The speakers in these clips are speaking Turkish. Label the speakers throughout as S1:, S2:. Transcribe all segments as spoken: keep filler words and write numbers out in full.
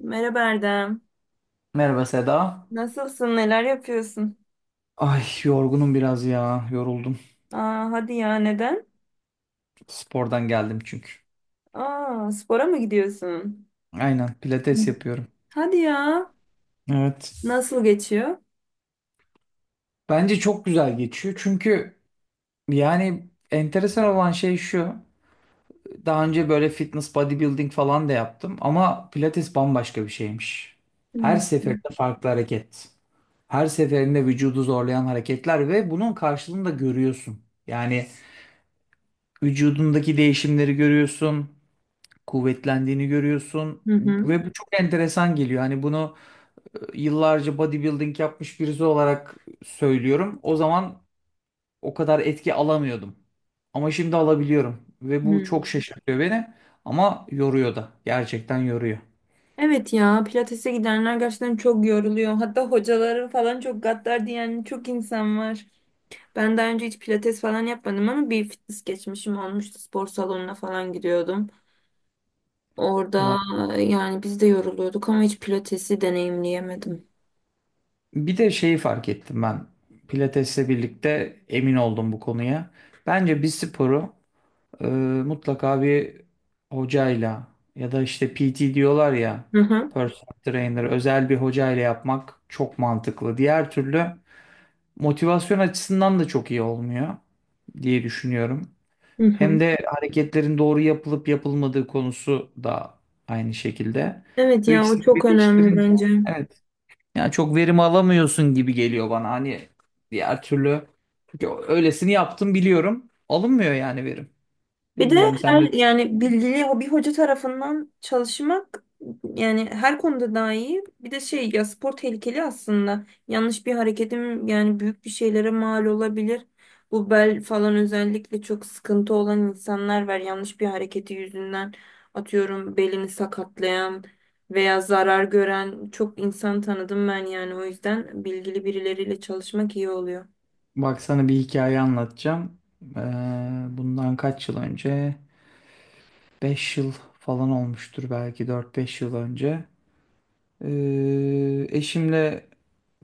S1: Merhaba Erdem.
S2: Merhaba Seda.
S1: Nasılsın? Neler yapıyorsun?
S2: Ay yorgunum biraz ya. Yoruldum.
S1: Aa, hadi ya neden?
S2: Spordan geldim çünkü.
S1: Aa, spora mı gidiyorsun?
S2: Aynen
S1: Hı.
S2: pilates yapıyorum.
S1: Hadi ya.
S2: Evet.
S1: Nasıl geçiyor?
S2: Bence çok güzel geçiyor. Çünkü yani enteresan olan şey şu. Daha önce böyle fitness bodybuilding falan da yaptım ama pilates bambaşka bir şeymiş.
S1: Hı
S2: Her
S1: hı.
S2: seferinde farklı hareket. Her seferinde vücudu zorlayan hareketler ve bunun karşılığını da görüyorsun. Yani vücudundaki değişimleri görüyorsun, kuvvetlendiğini görüyorsun
S1: Hı.
S2: ve bu çok enteresan geliyor. Hani bunu e, yıllarca bodybuilding yapmış birisi olarak söylüyorum. O zaman o kadar etki alamıyordum. Ama şimdi alabiliyorum ve bu
S1: Hı.
S2: çok şaşırtıyor beni, ama yoruyor da. Gerçekten yoruyor.
S1: Evet ya pilatese gidenler gerçekten çok yoruluyor. Hatta hocaları falan çok gaddar diyen çok insan var. Ben daha önce hiç pilates falan yapmadım ama bir fitness geçmişim olmuştu. Spor salonuna falan gidiyordum. Orada
S2: Ulan.
S1: yani biz de yoruluyorduk ama hiç pilatesi deneyimleyemedim.
S2: Bir de şeyi fark ettim ben. Pilatesle birlikte emin oldum bu konuya. Bence bir sporu Ee, mutlaka bir hocayla ya da işte P T diyorlar ya,
S1: Hı hı.
S2: personal trainer, özel bir hocayla yapmak çok mantıklı. Diğer türlü motivasyon açısından da çok iyi olmuyor diye düşünüyorum.
S1: Hı
S2: Hem
S1: hı.
S2: de hareketlerin doğru yapılıp yapılmadığı konusu da aynı şekilde.
S1: Evet
S2: Bu
S1: ya o
S2: ikisini
S1: çok önemli
S2: birleştirince,
S1: bence.
S2: evet, yani çok verim alamıyorsun gibi geliyor bana. Hani diğer türlü, çünkü öylesini yaptım biliyorum. Alınmıyor yani verim.
S1: Bir de
S2: Bilmiyorum sen
S1: her
S2: ne.
S1: yani bilgili ho- bir hoca tarafından çalışmak yani her konuda daha iyi. Bir de şey ya spor tehlikeli aslında. Yanlış bir hareketim yani büyük bir şeylere mal olabilir. Bu bel falan özellikle çok sıkıntı olan insanlar var. Yanlış bir hareketi yüzünden atıyorum belini sakatlayan veya zarar gören çok insan tanıdım ben yani o yüzden bilgili birileriyle çalışmak iyi oluyor.
S2: Bak sana bir hikaye anlatacağım. Ee, bundan kaç yıl önce? Beş yıl falan olmuştur, belki dört beş yıl önce. Ee, eşimle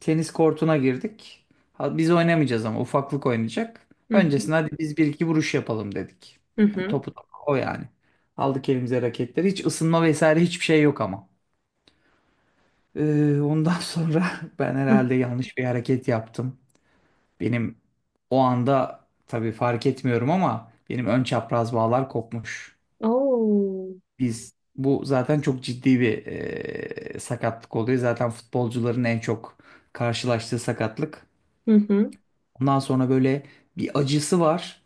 S2: tenis kortuna girdik. Ha, biz oynamayacağız ama ufaklık oynayacak.
S1: Hı hı.
S2: Öncesinde hadi biz bir iki vuruş yapalım dedik. Yani
S1: Hı
S2: topu topu o yani. Aldık elimize raketleri. Hiç ısınma vesaire hiçbir şey yok ama. Ee, ondan sonra ben
S1: hı.
S2: herhalde yanlış bir hareket yaptım. Benim o anda tabii fark etmiyorum ama benim ön çapraz bağlar kopmuş.
S1: Oo.
S2: Biz bu zaten çok ciddi bir e, sakatlık oluyor. Zaten futbolcuların en çok karşılaştığı sakatlık.
S1: Hı hı.
S2: Ondan sonra böyle bir acısı var.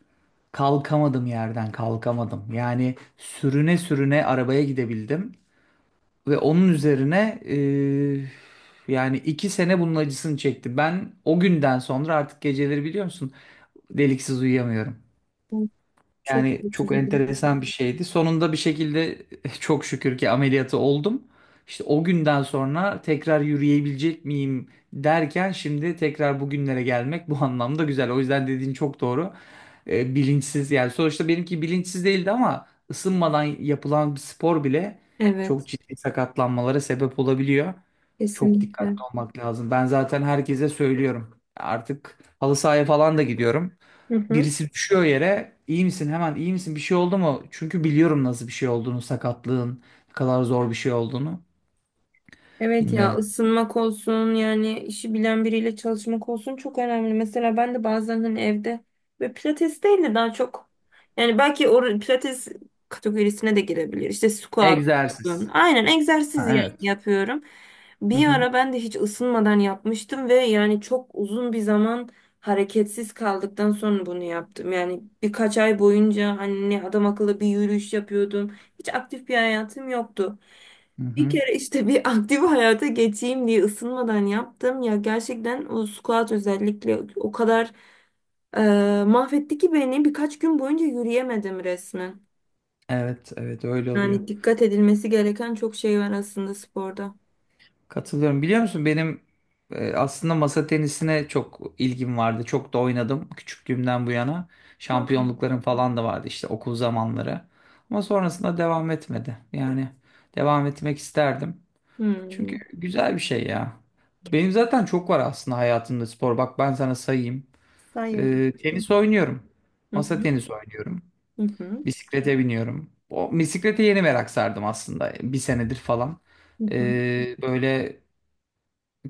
S2: Kalkamadım yerden, kalkamadım. Yani sürüne sürüne arabaya gidebildim ve onun üzerine, e, yani iki sene bunun acısını çekti. Ben o günden sonra artık geceleri biliyor musun deliksiz uyuyamıyorum.
S1: Çok
S2: Yani
S1: kötü
S2: çok
S1: durum.
S2: enteresan bir şeydi. Sonunda bir şekilde çok şükür ki ameliyatı oldum. İşte o günden sonra tekrar yürüyebilecek miyim derken şimdi tekrar bugünlere gelmek bu anlamda güzel. O yüzden dediğin çok doğru. Ee, bilinçsiz, yani sonuçta benimki bilinçsiz değildi ama ısınmadan yapılan bir spor bile çok
S1: Evet.
S2: ciddi sakatlanmalara sebep olabiliyor. Çok
S1: Kesinlikle.
S2: dikkatli olmak lazım. Ben zaten herkese söylüyorum. Artık halı sahaya falan da gidiyorum.
S1: Hı hı.
S2: Birisi düşüyor yere, iyi misin hemen, iyi misin, bir şey oldu mu? Çünkü biliyorum nasıl bir şey olduğunu, sakatlığın ne kadar zor bir şey olduğunu
S1: Evet ya
S2: bilmiyorum.
S1: ısınmak olsun yani işi bilen biriyle çalışmak olsun çok önemli. Mesela ben de bazen hani evde ve pilates değil de daha çok yani belki o pilates kategorisine de girebilir. İşte squat falan.
S2: Egzersiz.
S1: Aynen egzersiz
S2: Ha,
S1: yani
S2: evet.
S1: yapıyorum.
S2: Hı
S1: Bir
S2: hı,
S1: ara ben de hiç ısınmadan yapmıştım ve yani çok uzun bir zaman hareketsiz kaldıktan sonra bunu yaptım. Yani birkaç ay boyunca hani adam akıllı bir yürüyüş yapıyordum. Hiç aktif bir hayatım yoktu.
S2: hı
S1: Bir
S2: hı.
S1: kere işte bir aktif hayata geçeyim diye ısınmadan yaptım. Ya gerçekten o squat özellikle o kadar e, mahvetti ki beni birkaç gün boyunca yürüyemedim resmen.
S2: Evet, evet, öyle oluyor.
S1: Yani dikkat edilmesi gereken çok şey var aslında sporda.
S2: Katılıyorum. Biliyor musun benim e, aslında masa tenisine çok ilgim vardı. Çok da oynadım küçüklüğümden bu yana.
S1: Hı.
S2: Şampiyonluklarım falan da vardı işte, okul zamanları. Ama sonrasında devam etmedi. Yani devam etmek isterdim. Çünkü
S1: Hmm.
S2: güzel bir şey ya. Benim zaten çok var aslında hayatımda spor. Bak ben sana sayayım.
S1: Sayadım.
S2: Ee, tenis oynuyorum.
S1: Hı
S2: Masa
S1: hı.
S2: tenisi oynuyorum.
S1: Hı hı.
S2: Bisiklete biniyorum. O bisiklete yeni merak sardım aslında. Bir senedir falan.
S1: Hı hı.
S2: Ee, böyle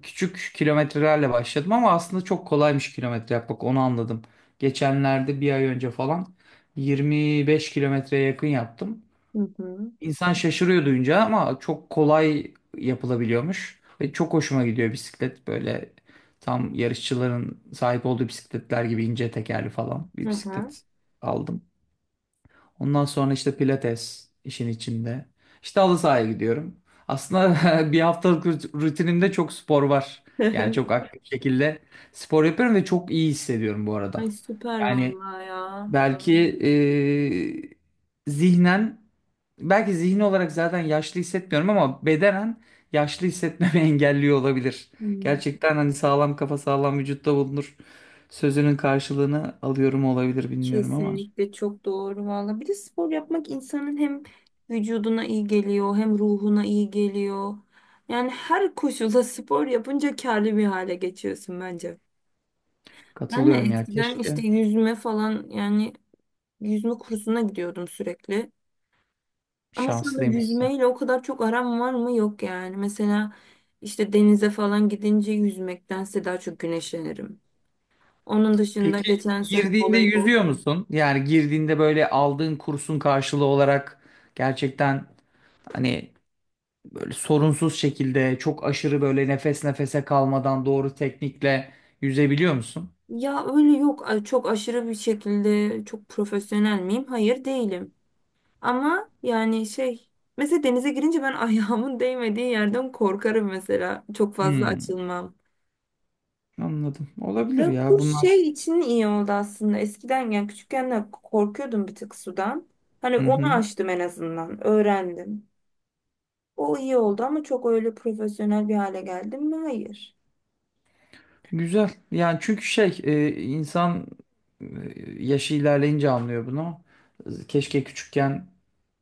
S2: küçük kilometrelerle başladım ama aslında çok kolaymış kilometre yapmak. Onu anladım. Geçenlerde bir ay önce falan yirmi beş kilometreye yakın yaptım.
S1: Hı hı.
S2: İnsan şaşırıyor duyunca ama çok kolay yapılabiliyormuş. Ve çok hoşuma gidiyor bisiklet, böyle tam yarışçıların sahip olduğu bisikletler gibi ince tekerli falan
S1: Hı
S2: bir
S1: hı.
S2: bisiklet aldım. Ondan sonra işte pilates işin içinde. İşte halı sahaya gidiyorum. Aslında bir haftalık rut- rutinimde çok spor var. Yani çok aktif şekilde spor yapıyorum ve çok iyi hissediyorum bu arada.
S1: Ay süper
S2: Yani
S1: vallahi ya.
S2: belki e, zihnen, belki zihni olarak zaten yaşlı hissetmiyorum ama bedenen yaşlı hissetmemi engelliyor olabilir.
S1: Hmm.
S2: Gerçekten hani sağlam kafa sağlam vücutta bulunur sözünün karşılığını alıyorum olabilir, bilmiyorum ama
S1: Kesinlikle çok doğru valla. Bir de spor yapmak insanın hem vücuduna iyi geliyor hem ruhuna iyi geliyor. Yani her koşulda spor yapınca kârlı bir hale geçiyorsun bence. Ben de
S2: katılıyorum ya,
S1: eskiden işte
S2: keşke.
S1: yüzme falan yani yüzme kursuna gidiyordum sürekli. Ama şu anda
S2: Şanslıymışsın.
S1: yüzmeyle o kadar çok aram var mı? Yok yani. Mesela işte denize falan gidince yüzmektense daha çok güneşlenirim. Onun dışında
S2: Peki
S1: geçen sene
S2: girdiğinde
S1: voleybol.
S2: yüzüyor musun? Yani girdiğinde böyle aldığın kursun karşılığı olarak gerçekten hani böyle sorunsuz şekilde, çok aşırı böyle nefes nefese kalmadan doğru teknikle yüzebiliyor musun?
S1: Ya öyle yok, a- çok aşırı bir şekilde çok profesyonel miyim? Hayır, değilim. Ama yani şey, mesela denize girince ben ayağımın değmediği yerden korkarım mesela. Çok fazla
S2: Hmm,
S1: açılmam.
S2: anladım. Olabilir
S1: Ya
S2: ya
S1: kurs
S2: bunlar.
S1: şey için iyi oldu aslında. Eskiden yani küçükken de korkuyordum bir tık sudan. Hani
S2: Hı
S1: onu
S2: hı.
S1: aştım en azından. Öğrendim. O iyi oldu ama çok öyle profesyonel bir hale geldim mi? Hayır.
S2: Güzel. Yani çünkü şey e, insan e, yaşı ilerleyince anlıyor bunu. Keşke küçükken,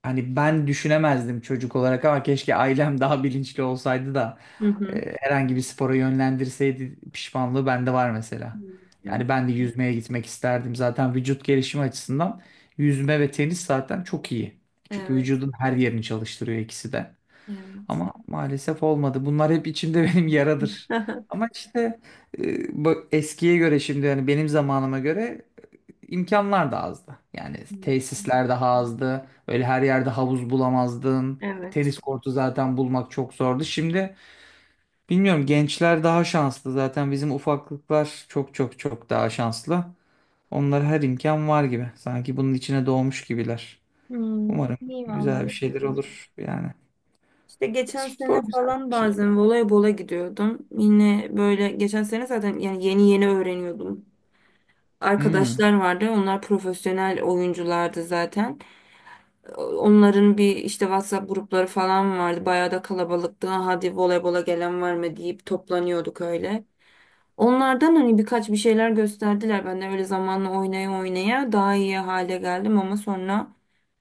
S2: hani ben düşünemezdim çocuk olarak, ama keşke ailem daha bilinçli olsaydı da
S1: Hı hı.
S2: e, herhangi bir spora yönlendirseydi, pişmanlığı bende var
S1: Hı
S2: mesela.
S1: hı.
S2: Yani ben de yüzmeye gitmek isterdim. Zaten vücut gelişimi açısından yüzme ve tenis zaten çok iyi. Çünkü
S1: Evet.
S2: vücudun her yerini çalıştırıyor ikisi de.
S1: Evet.
S2: Ama maalesef olmadı. Bunlar hep içimde benim yaradır. Ama işte e, bu eskiye göre, şimdi yani benim zamanıma göre imkanlar da azdı. Yani tesisler daha azdı. Öyle her yerde havuz bulamazdın.
S1: Evet.
S2: Tenis kortu zaten bulmak çok zordu. Şimdi bilmiyorum, gençler daha şanslı. Zaten bizim ufaklıklar çok çok çok daha şanslı. Onlara her imkan var gibi. Sanki bunun içine doğmuş gibiler.
S1: Hmm,
S2: Umarım
S1: iyi valla.
S2: güzel bir şeyler olur yani.
S1: İşte geçen sene
S2: Spor güzel
S1: falan
S2: bir şey
S1: bazen
S2: ya.
S1: voleybola gidiyordum. Yine böyle geçen sene zaten yani yeni yeni öğreniyordum.
S2: Hmm.
S1: Arkadaşlar vardı. Onlar profesyonel oyunculardı zaten. Onların bir işte WhatsApp grupları falan vardı. Bayağı da kalabalıktı. "Ha, hadi voleybola gelen var mı?" deyip toplanıyorduk öyle. Onlardan hani birkaç bir şeyler gösterdiler. Ben de öyle zamanla oynaya oynaya daha iyi hale geldim ama sonra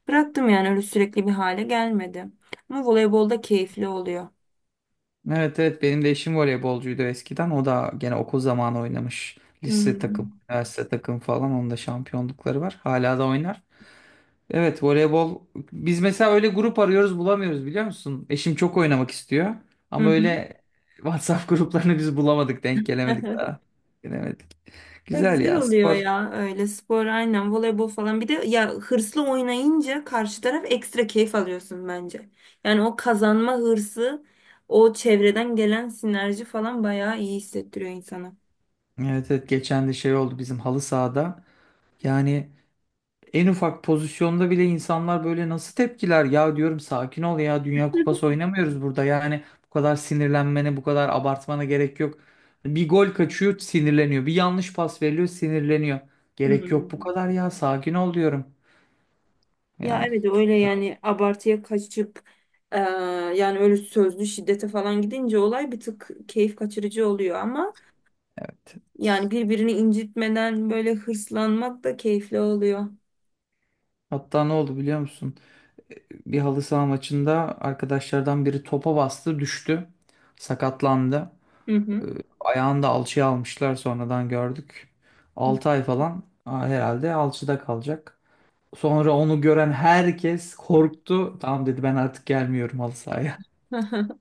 S1: bıraktım yani öyle sürekli bir hale gelmedi. Ama voleybolda keyifli oluyor.
S2: Evet, evet, benim de eşim voleybolcuydu eskiden. O da gene okul zamanı oynamış. Lise takım,
S1: Hmm.
S2: üniversite takım falan. Onun da şampiyonlukları var. Hala da oynar. Evet, voleybol, biz mesela öyle grup arıyoruz bulamıyoruz biliyor musun? Eşim çok oynamak istiyor.
S1: Hı
S2: Ama
S1: hı.
S2: öyle WhatsApp gruplarını biz bulamadık. Denk gelemedik daha. Gelemedik.
S1: Ya
S2: Güzel
S1: güzel
S2: ya
S1: oluyor
S2: spor.
S1: ya öyle spor, aynen voleybol falan, bir de ya hırslı oynayınca karşı taraf ekstra keyif alıyorsun bence. Yani o kazanma hırsı, o çevreden gelen sinerji falan bayağı iyi hissettiriyor insana.
S2: Evet, evet, geçen de şey oldu bizim halı sahada. Yani en ufak pozisyonda bile insanlar böyle nasıl tepkiler ya, diyorum sakin ol ya, Dünya Kupası oynamıyoruz burada, yani bu kadar sinirlenmene bu kadar abartmana gerek yok. Bir gol kaçıyor sinirleniyor, bir yanlış pas veriliyor sinirleniyor. Gerek yok bu
S1: Hmm.
S2: kadar ya, sakin ol diyorum.
S1: Ya
S2: Yani
S1: evet
S2: çok.
S1: öyle, yani abartıya kaçıp, eee, yani öyle sözlü şiddete falan gidince olay bir tık keyif kaçırıcı oluyor ama
S2: Evet.
S1: yani birbirini incitmeden böyle hırslanmak da keyifli oluyor.
S2: Hatta ne oldu biliyor musun? Bir halı saha maçında arkadaşlardan biri topa bastı, düştü, sakatlandı.
S1: Hı
S2: Ee,
S1: hı.
S2: Ayağını da alçıya almışlar, sonradan gördük. altı ay falan a, herhalde alçıda kalacak. Sonra onu gören herkes korktu. Tamam dedi, ben artık gelmiyorum halı sahaya.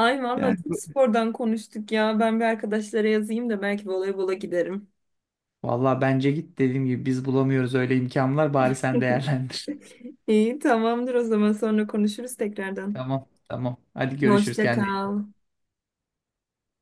S1: valla
S2: Yani
S1: çok
S2: bu-
S1: spordan konuştuk ya. Ben bir arkadaşlara yazayım da belki voleybola giderim.
S2: vallahi bence git, dediğim gibi biz bulamıyoruz öyle imkanlar, bari sen değerlendir.
S1: İyi, tamamdır o zaman, sonra konuşuruz tekrardan.
S2: Tamam tamam, hadi görüşürüz,
S1: Hoşça
S2: kendine.
S1: kal.